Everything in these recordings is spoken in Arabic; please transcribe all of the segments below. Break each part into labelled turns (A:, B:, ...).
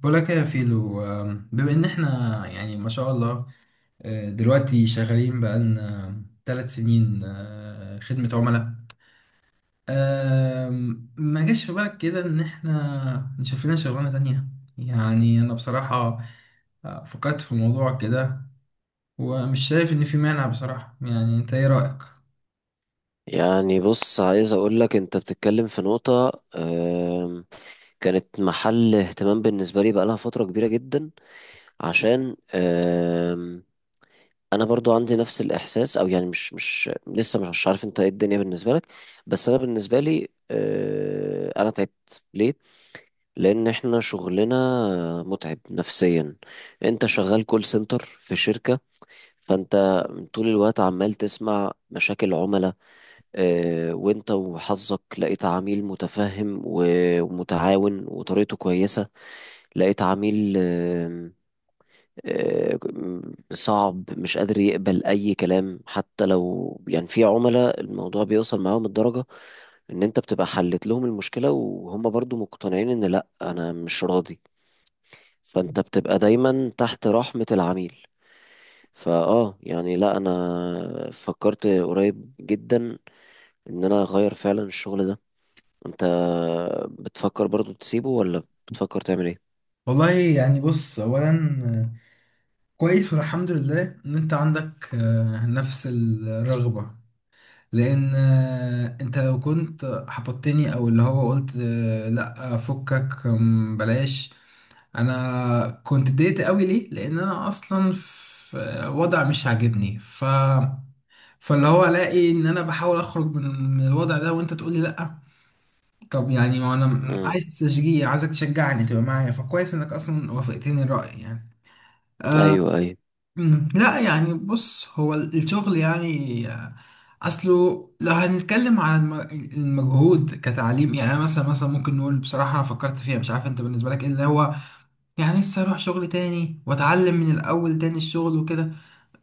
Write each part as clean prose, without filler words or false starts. A: بقولك يا فيلو، بما ان احنا يعني ما شاء الله. دلوقتي شغالين بقالنا 3 سنين، خدمة عملاء. ما جاش في بالك كده ان احنا نشوف لنا شغلانة تانية؟ يعني انا بصراحة فكرت في الموضوع كده ومش شايف ان في مانع بصراحة. يعني انت ايه رأيك؟
B: يعني بص عايز اقولك انت بتتكلم في نقطة كانت محل اهتمام بالنسبة لي بقالها فترة كبيرة جدا عشان انا برضو عندي نفس الاحساس او يعني مش لسه مش عارف انت ايه الدنيا بالنسبة لك. بس انا بالنسبة لي انا تعبت ليه؟ لان احنا شغلنا متعب نفسيا. انت شغال كول سنتر في شركة، فانت طول الوقت عمال تسمع مشاكل عملاء. وانت وحظك لقيت عميل متفهم ومتعاون وطريقته كويسة، لقيت عميل آم، آه، صعب مش قادر يقبل اي كلام. حتى لو يعني في عملاء الموضوع بيوصل معاهم الدرجة ان انت بتبقى حلت لهم المشكلة وهم برضو مقتنعين ان لا انا مش راضي، فانت بتبقى دايما تحت رحمة العميل. يعني لا، انا فكرت قريب جدا ان انا اغير فعلا الشغل ده. انت بتفكر برضو تسيبه ولا بتفكر تعمل ايه؟
A: والله يعني بص، اولا آه، كويس والحمد لله ان انت عندك نفس الرغبة. لان انت لو كنت حبطتني او اللي هو قلت لا فكك، بلاش، انا كنت اتضايقت قوي. ليه؟ لان انا اصلا في وضع مش عاجبني. فاللي هو الاقي ان انا بحاول اخرج من الوضع ده وانت تقول لي لا. طب يعني ما انا
B: امم
A: عايز تشجيع، عايزك تشجعني تبقى معايا، فكويس انك اصلا وافقتني الرأي يعني. آه.
B: ايوه ايوه.
A: لا يعني بص، هو الشغل يعني، اصله لو هنتكلم عن المجهود كتعليم، يعني انا مثلا ممكن نقول بصراحه انا فكرت فيها، مش عارف انت بالنسبه لك ايه اللي هو. يعني لسه اروح شغل تاني واتعلم من الاول تاني الشغل وكده؟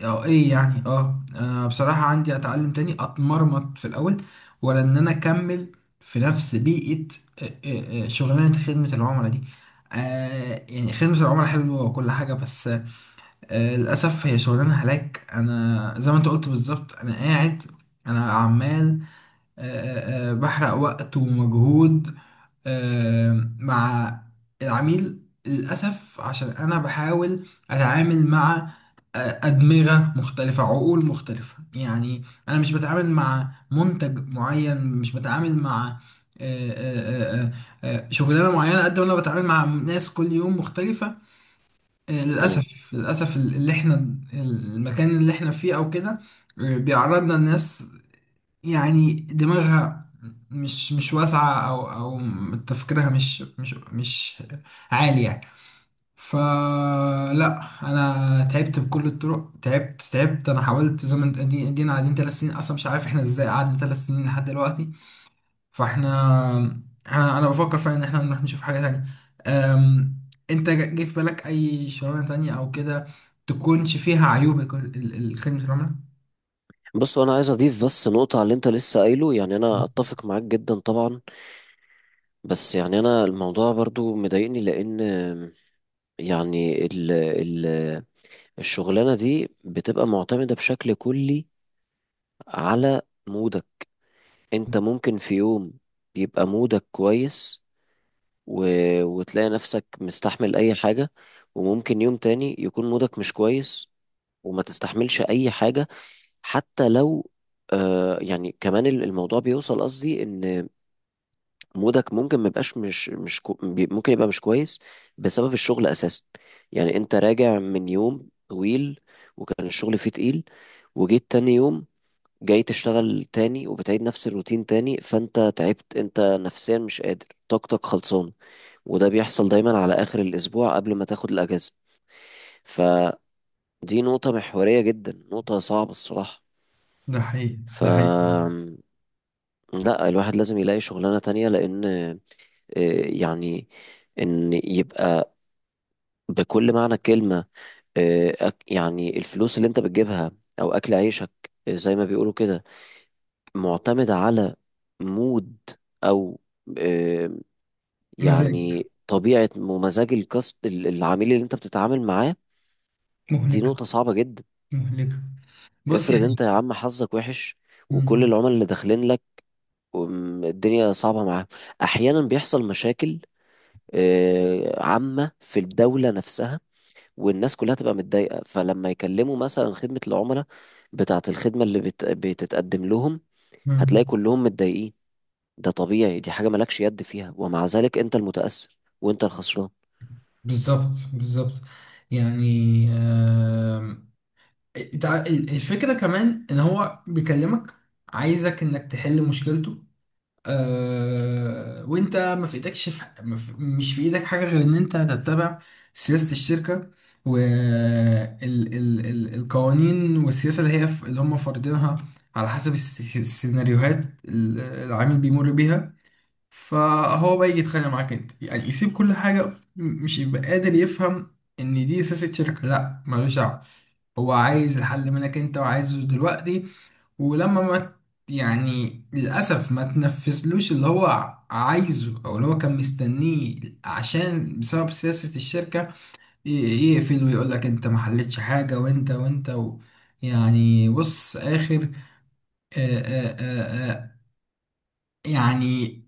A: اه، ايه يعني؟ اه، انا بصراحه عندي اتعلم تاني اتمرمط في الاول، ولا ان انا اكمل في نفس بيئه شغلانه خدمه العملاء دي؟ يعني خدمه العملاء حلوه وكل حاجه، بس للأسف هي شغلانة هلاك. أنا زي ما أنت قلت بالظبط، أنا قاعد، أنا عمال بحرق وقت ومجهود مع العميل. للأسف عشان أنا بحاول أتعامل مع أدمغة مختلفة، عقول مختلفة يعني. أنا مش بتعامل مع منتج معين، مش بتعامل مع آه، آه، آه، آه، شغلانة معينة، قد ما أنا بتعامل مع ناس كل يوم مختلفة.
B: امم
A: للأسف للأسف اللي احنا، المكان اللي احنا فيه أو كده بيعرضنا لناس يعني دماغها مش واسعة، أو تفكيرها مش عالي يعني. فلا، أنا تعبت بكل الطرق، تعبت تعبت، أنا حاولت زي ما ادينا قاعدين 3 سنين، أصلا مش عارف احنا ازاي قعدنا 3 سنين لحد دلوقتي. فاحنا أنا بفكر فعلا ان احنا نروح نشوف حاجه تانية. أم... انت جه في بالك اي شغلانه تانية او كده؟ تكونش فيها عيوب الخدمه العملاء.
B: بص انا عايز اضيف بس نقطة على اللي انت لسه قايله. يعني انا اتفق معاك جدا طبعا، بس يعني انا الموضوع برضو مضايقني، لان يعني ال الشغلانة دي بتبقى معتمدة بشكل كلي على مودك. انت ممكن في يوم يبقى مودك كويس و... وتلاقي نفسك مستحمل اي حاجة، وممكن يوم تاني يكون مودك مش كويس وما تستحملش اي حاجة. حتى لو يعني كمان الموضوع بيوصل قصدي ان مودك ممكن ما يبقاش مش مش كو بي- ممكن يبقى مش كويس بسبب الشغل اساسا. يعني انت راجع من يوم طويل وكان الشغل فيه تقيل، وجيت تاني يوم جاي تشتغل تاني وبتعيد نفس الروتين تاني، فانت تعبت، انت نفسيا مش قادر، طاقتك خلصانه. وده بيحصل دايما على اخر الاسبوع قبل ما تاخد الاجازه. فدي نقطه محوريه جدا، نقطه صعبه الصراحه.
A: ده حقيقي،
B: ف
A: ده حقيقي.
B: لا، الواحد لازم يلاقي شغلانة تانية. لأن يعني إن يبقى بكل معنى الكلمة يعني الفلوس اللي أنت بتجيبها أو أكل عيشك، زي ما بيقولوا كده، معتمد على مود أو آه،
A: مزاج.
B: يعني طبيعة ومزاج الكاست العميل اللي أنت بتتعامل معاه. دي
A: مهلكة،
B: نقطة صعبة جدا.
A: مهلكة. بص
B: افرض
A: يعني.
B: أنت يا عم حظك وحش وكل
A: مم.
B: العملاء اللي داخلين لك الدنيا صعبة معاه. أحيانا بيحصل مشاكل عامة في الدولة نفسها، والناس كلها تبقى متضايقة، فلما يكلموا مثلا خدمة العملاء بتاعة الخدمة اللي بتتقدم لهم هتلاقي
A: مم.
B: كلهم متضايقين. ده طبيعي، دي حاجة مالكش يد فيها، ومع ذلك أنت المتأثر وأنت الخسران.
A: بالظبط، بالظبط. يعني آم، إنت، الفكرة كمان ان هو بيكلمك عايزك انك تحل مشكلته. وانت ما في ايدكش، في ما في- مش في ايدك حاجه غير ان انت تتبع سياسه الشركه والقوانين والسياسه اللي هي، اللي هم فارضينها على حسب السيناريوهات اللي العميل بيمر بيها. فهو بقى يجي يتخانق معاك انت، يعني يسيب كل حاجه، مش يبقى قادر يفهم ان دي سياسه شركه، لا ملوش دعوه. هو عايز الحل منك انت وعايزه دلوقتي. ولما ما يعني للأسف ما تنفذلوش اللي هو عايزه أو اللي هو كان مستنيه عشان بسبب سياسة الشركة، ي- يقفل ويقول لك أنت ما حلتش حاجة وأنت وأنت و... يعني بص، آخر آآ آآ آآ يعني،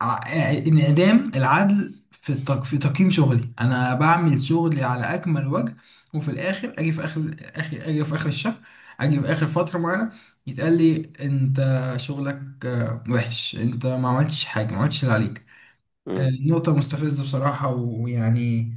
A: ع- انعدام العدل في في تقييم شغلي. انا بعمل شغلي على اكمل وجه، وفي الاخر اجي في اخر الشهر، اجي في اخر فتره معينه، يتقال لي انت شغلك وحش، انت ما عملتش حاجه، ما عملتش اللي عليك.
B: مم.
A: نقطه مستفزه بصراحه ويعني،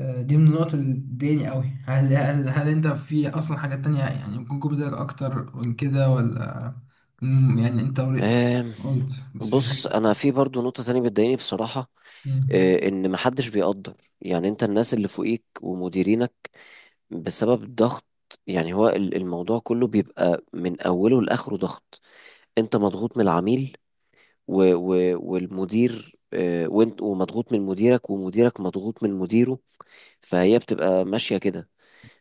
A: دي من النقط اللي بتضايقني قوي. هل انت في اصلا حاجات تانية يعني ممكن يكون بدألك اكتر من كده ولا؟ يعني انت
B: آم،
A: قلت بس في
B: بص
A: حاجه.
B: انا في برضو نقطة تانية بتضايقني بصراحة.
A: مم.
B: ان محدش بيقدر يعني، انت الناس اللي فوقيك ومديرينك بسبب الضغط. يعني هو الموضوع كله بيبقى من أوله لآخره ضغط. أنت مضغوط من العميل و و والمدير، وانت ومضغوط من مديرك ومديرك مضغوط من مديره، فهي بتبقى ماشية كده.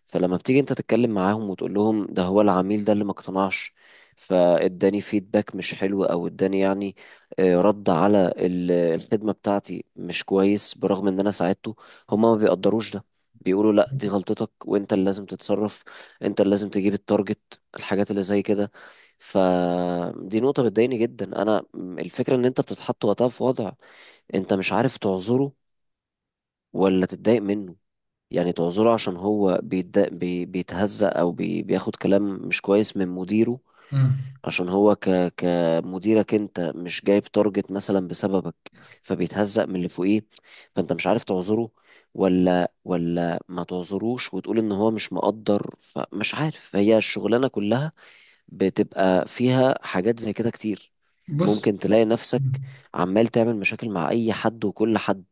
B: فلما بتيجي انت تتكلم معاهم وتقول لهم ده هو العميل ده اللي ما اقتنعش فاداني فيدباك مش حلو، او اداني يعني رد على الخدمة بتاعتي مش كويس برغم ان انا ساعدته، هما ما بيقدروش ده. بيقولوا لا دي غلطتك، وانت اللي لازم تتصرف، انت اللي لازم تجيب التارجت الحاجات اللي زي كده. فدي نقطة بتضايقني جدا انا. الفكرة ان انت بتتحط وقتها في وضع انت مش عارف تعذره ولا تتضايق منه. يعني تعذره عشان هو بيتهزأ بياخد كلام مش كويس من مديره،
A: مم.
B: عشان هو كمديرك انت مش جايب تارجت مثلا بسببك، فبيتهزأ من اللي فوقيه. فانت مش عارف تعذره ولا ما تعذروش وتقول ان هو مش مقدر. فمش عارف، هي الشغلانة كلها بتبقى فيها حاجات زي كده كتير.
A: بص.
B: ممكن تلاقي نفسك
A: مم.
B: عمال تعمل مشاكل مع اي حد وكل حد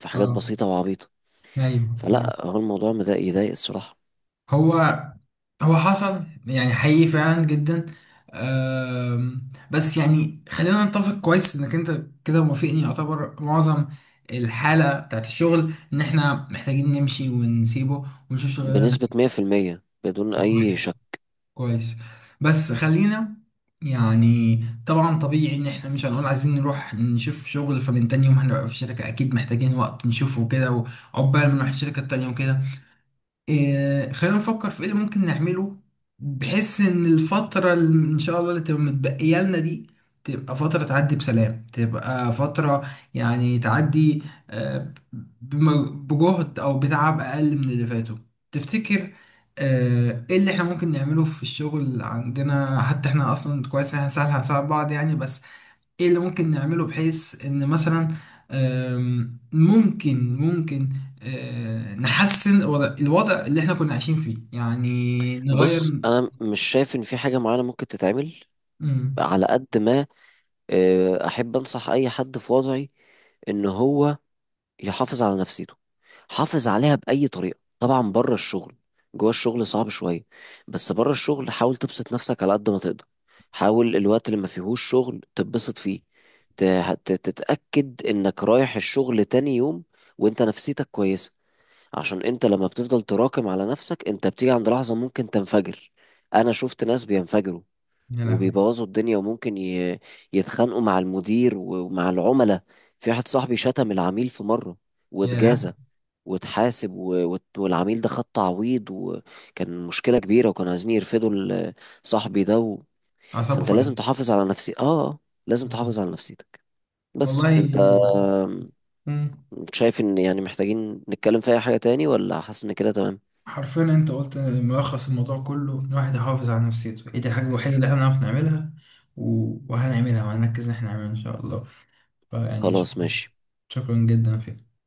B: في حاجات
A: اه،
B: بسيطة وعبيطة.
A: ايوه، ايوه.
B: فلا، هو الموضوع يضايق الصراحة.
A: هو هو حصل يعني حقيقي فعلا جدا. بس يعني خلينا نتفق كويس، انك انت كده موافقني يعتبر معظم الحالة بتاعت الشغل ان احنا محتاجين نمشي ونسيبه ونشوف شغلنا.
B: بنسبة 100% بدون
A: ده
B: أي
A: كويس،
B: شك.
A: كويس. بس خلينا يعني، طبعا طبيعي ان احنا مش هنقول عايزين نروح نشوف شغل فمن تاني يوم هنبقى في الشركة، اكيد محتاجين وقت نشوفه كده وعقبال ما نروح الشركة التانية وكده. إيه، خلينا نفكر في ايه اللي ممكن نعمله بحيث ان الفترة اللي ان شاء الله اللي تبقى متبقية لنا دي تبقى فترة تعدي بسلام، تبقى فترة يعني تعدي آه، بجهد او بتعب اقل من اللي فاتوا. تفتكر ايه اللي احنا ممكن نعمله في الشغل عندنا؟ حتى احنا اصلا كويس إن احنا سهل هنساعد بعض يعني، بس ايه اللي ممكن نعمله بحيث ان مثلا ممكن نحسن الوضع اللي احنا كنا عايشين فيه يعني نغير.
B: بص أنا مش شايف إن في حاجة معينة ممكن تتعمل
A: مم.
B: على قد ما، أحب أنصح أي حد في وضعي إن هو يحافظ على نفسيته. حافظ عليها بأي طريقة، طبعا بره الشغل، جوه الشغل صعب شوية، بس بره الشغل حاول تبسط نفسك على قد ما تقدر. حاول الوقت اللي ما فيهوش شغل تتبسط فيه، ت- تتأكد إنك رايح الشغل تاني يوم وإنت نفسيتك كويسة. عشان انت لما بتفضل تراكم على نفسك انت بتيجي عند لحظة ممكن تنفجر. انا شفت ناس بينفجروا
A: يا لهوي.
B: وبيبوظوا الدنيا وممكن يتخانقوا مع المدير ومع العملاء. في واحد صاحبي شتم العميل في مرة
A: يا
B: واتجازى واتحاسب والعميل ده خد تعويض وكان مشكلة كبيرة، وكانوا عايزين يرفدوا صاحبي ده
A: أعصابه
B: فانت لازم
A: فلت.
B: تحافظ على نفسي اه، آه، لازم
A: مم.
B: تحافظ على نفسيتك.
A: والله.
B: بس انت
A: مم.
B: شايف ان يعني محتاجين نتكلم في اي حاجة تاني ولا حاسس ان كده تمام؟
A: حرفيا انت قلت ملخص الموضوع كله، إن الواحد يحافظ على نفسيته، ايه دي الحاجة الوحيدة اللي احنا نعرف نعملها. وهنعملها وهنركز ان احنا نعملها ان شاء الله. فيعني
B: خلاص
A: شكرا،
B: ماشي.
A: شكرا جدا فيك.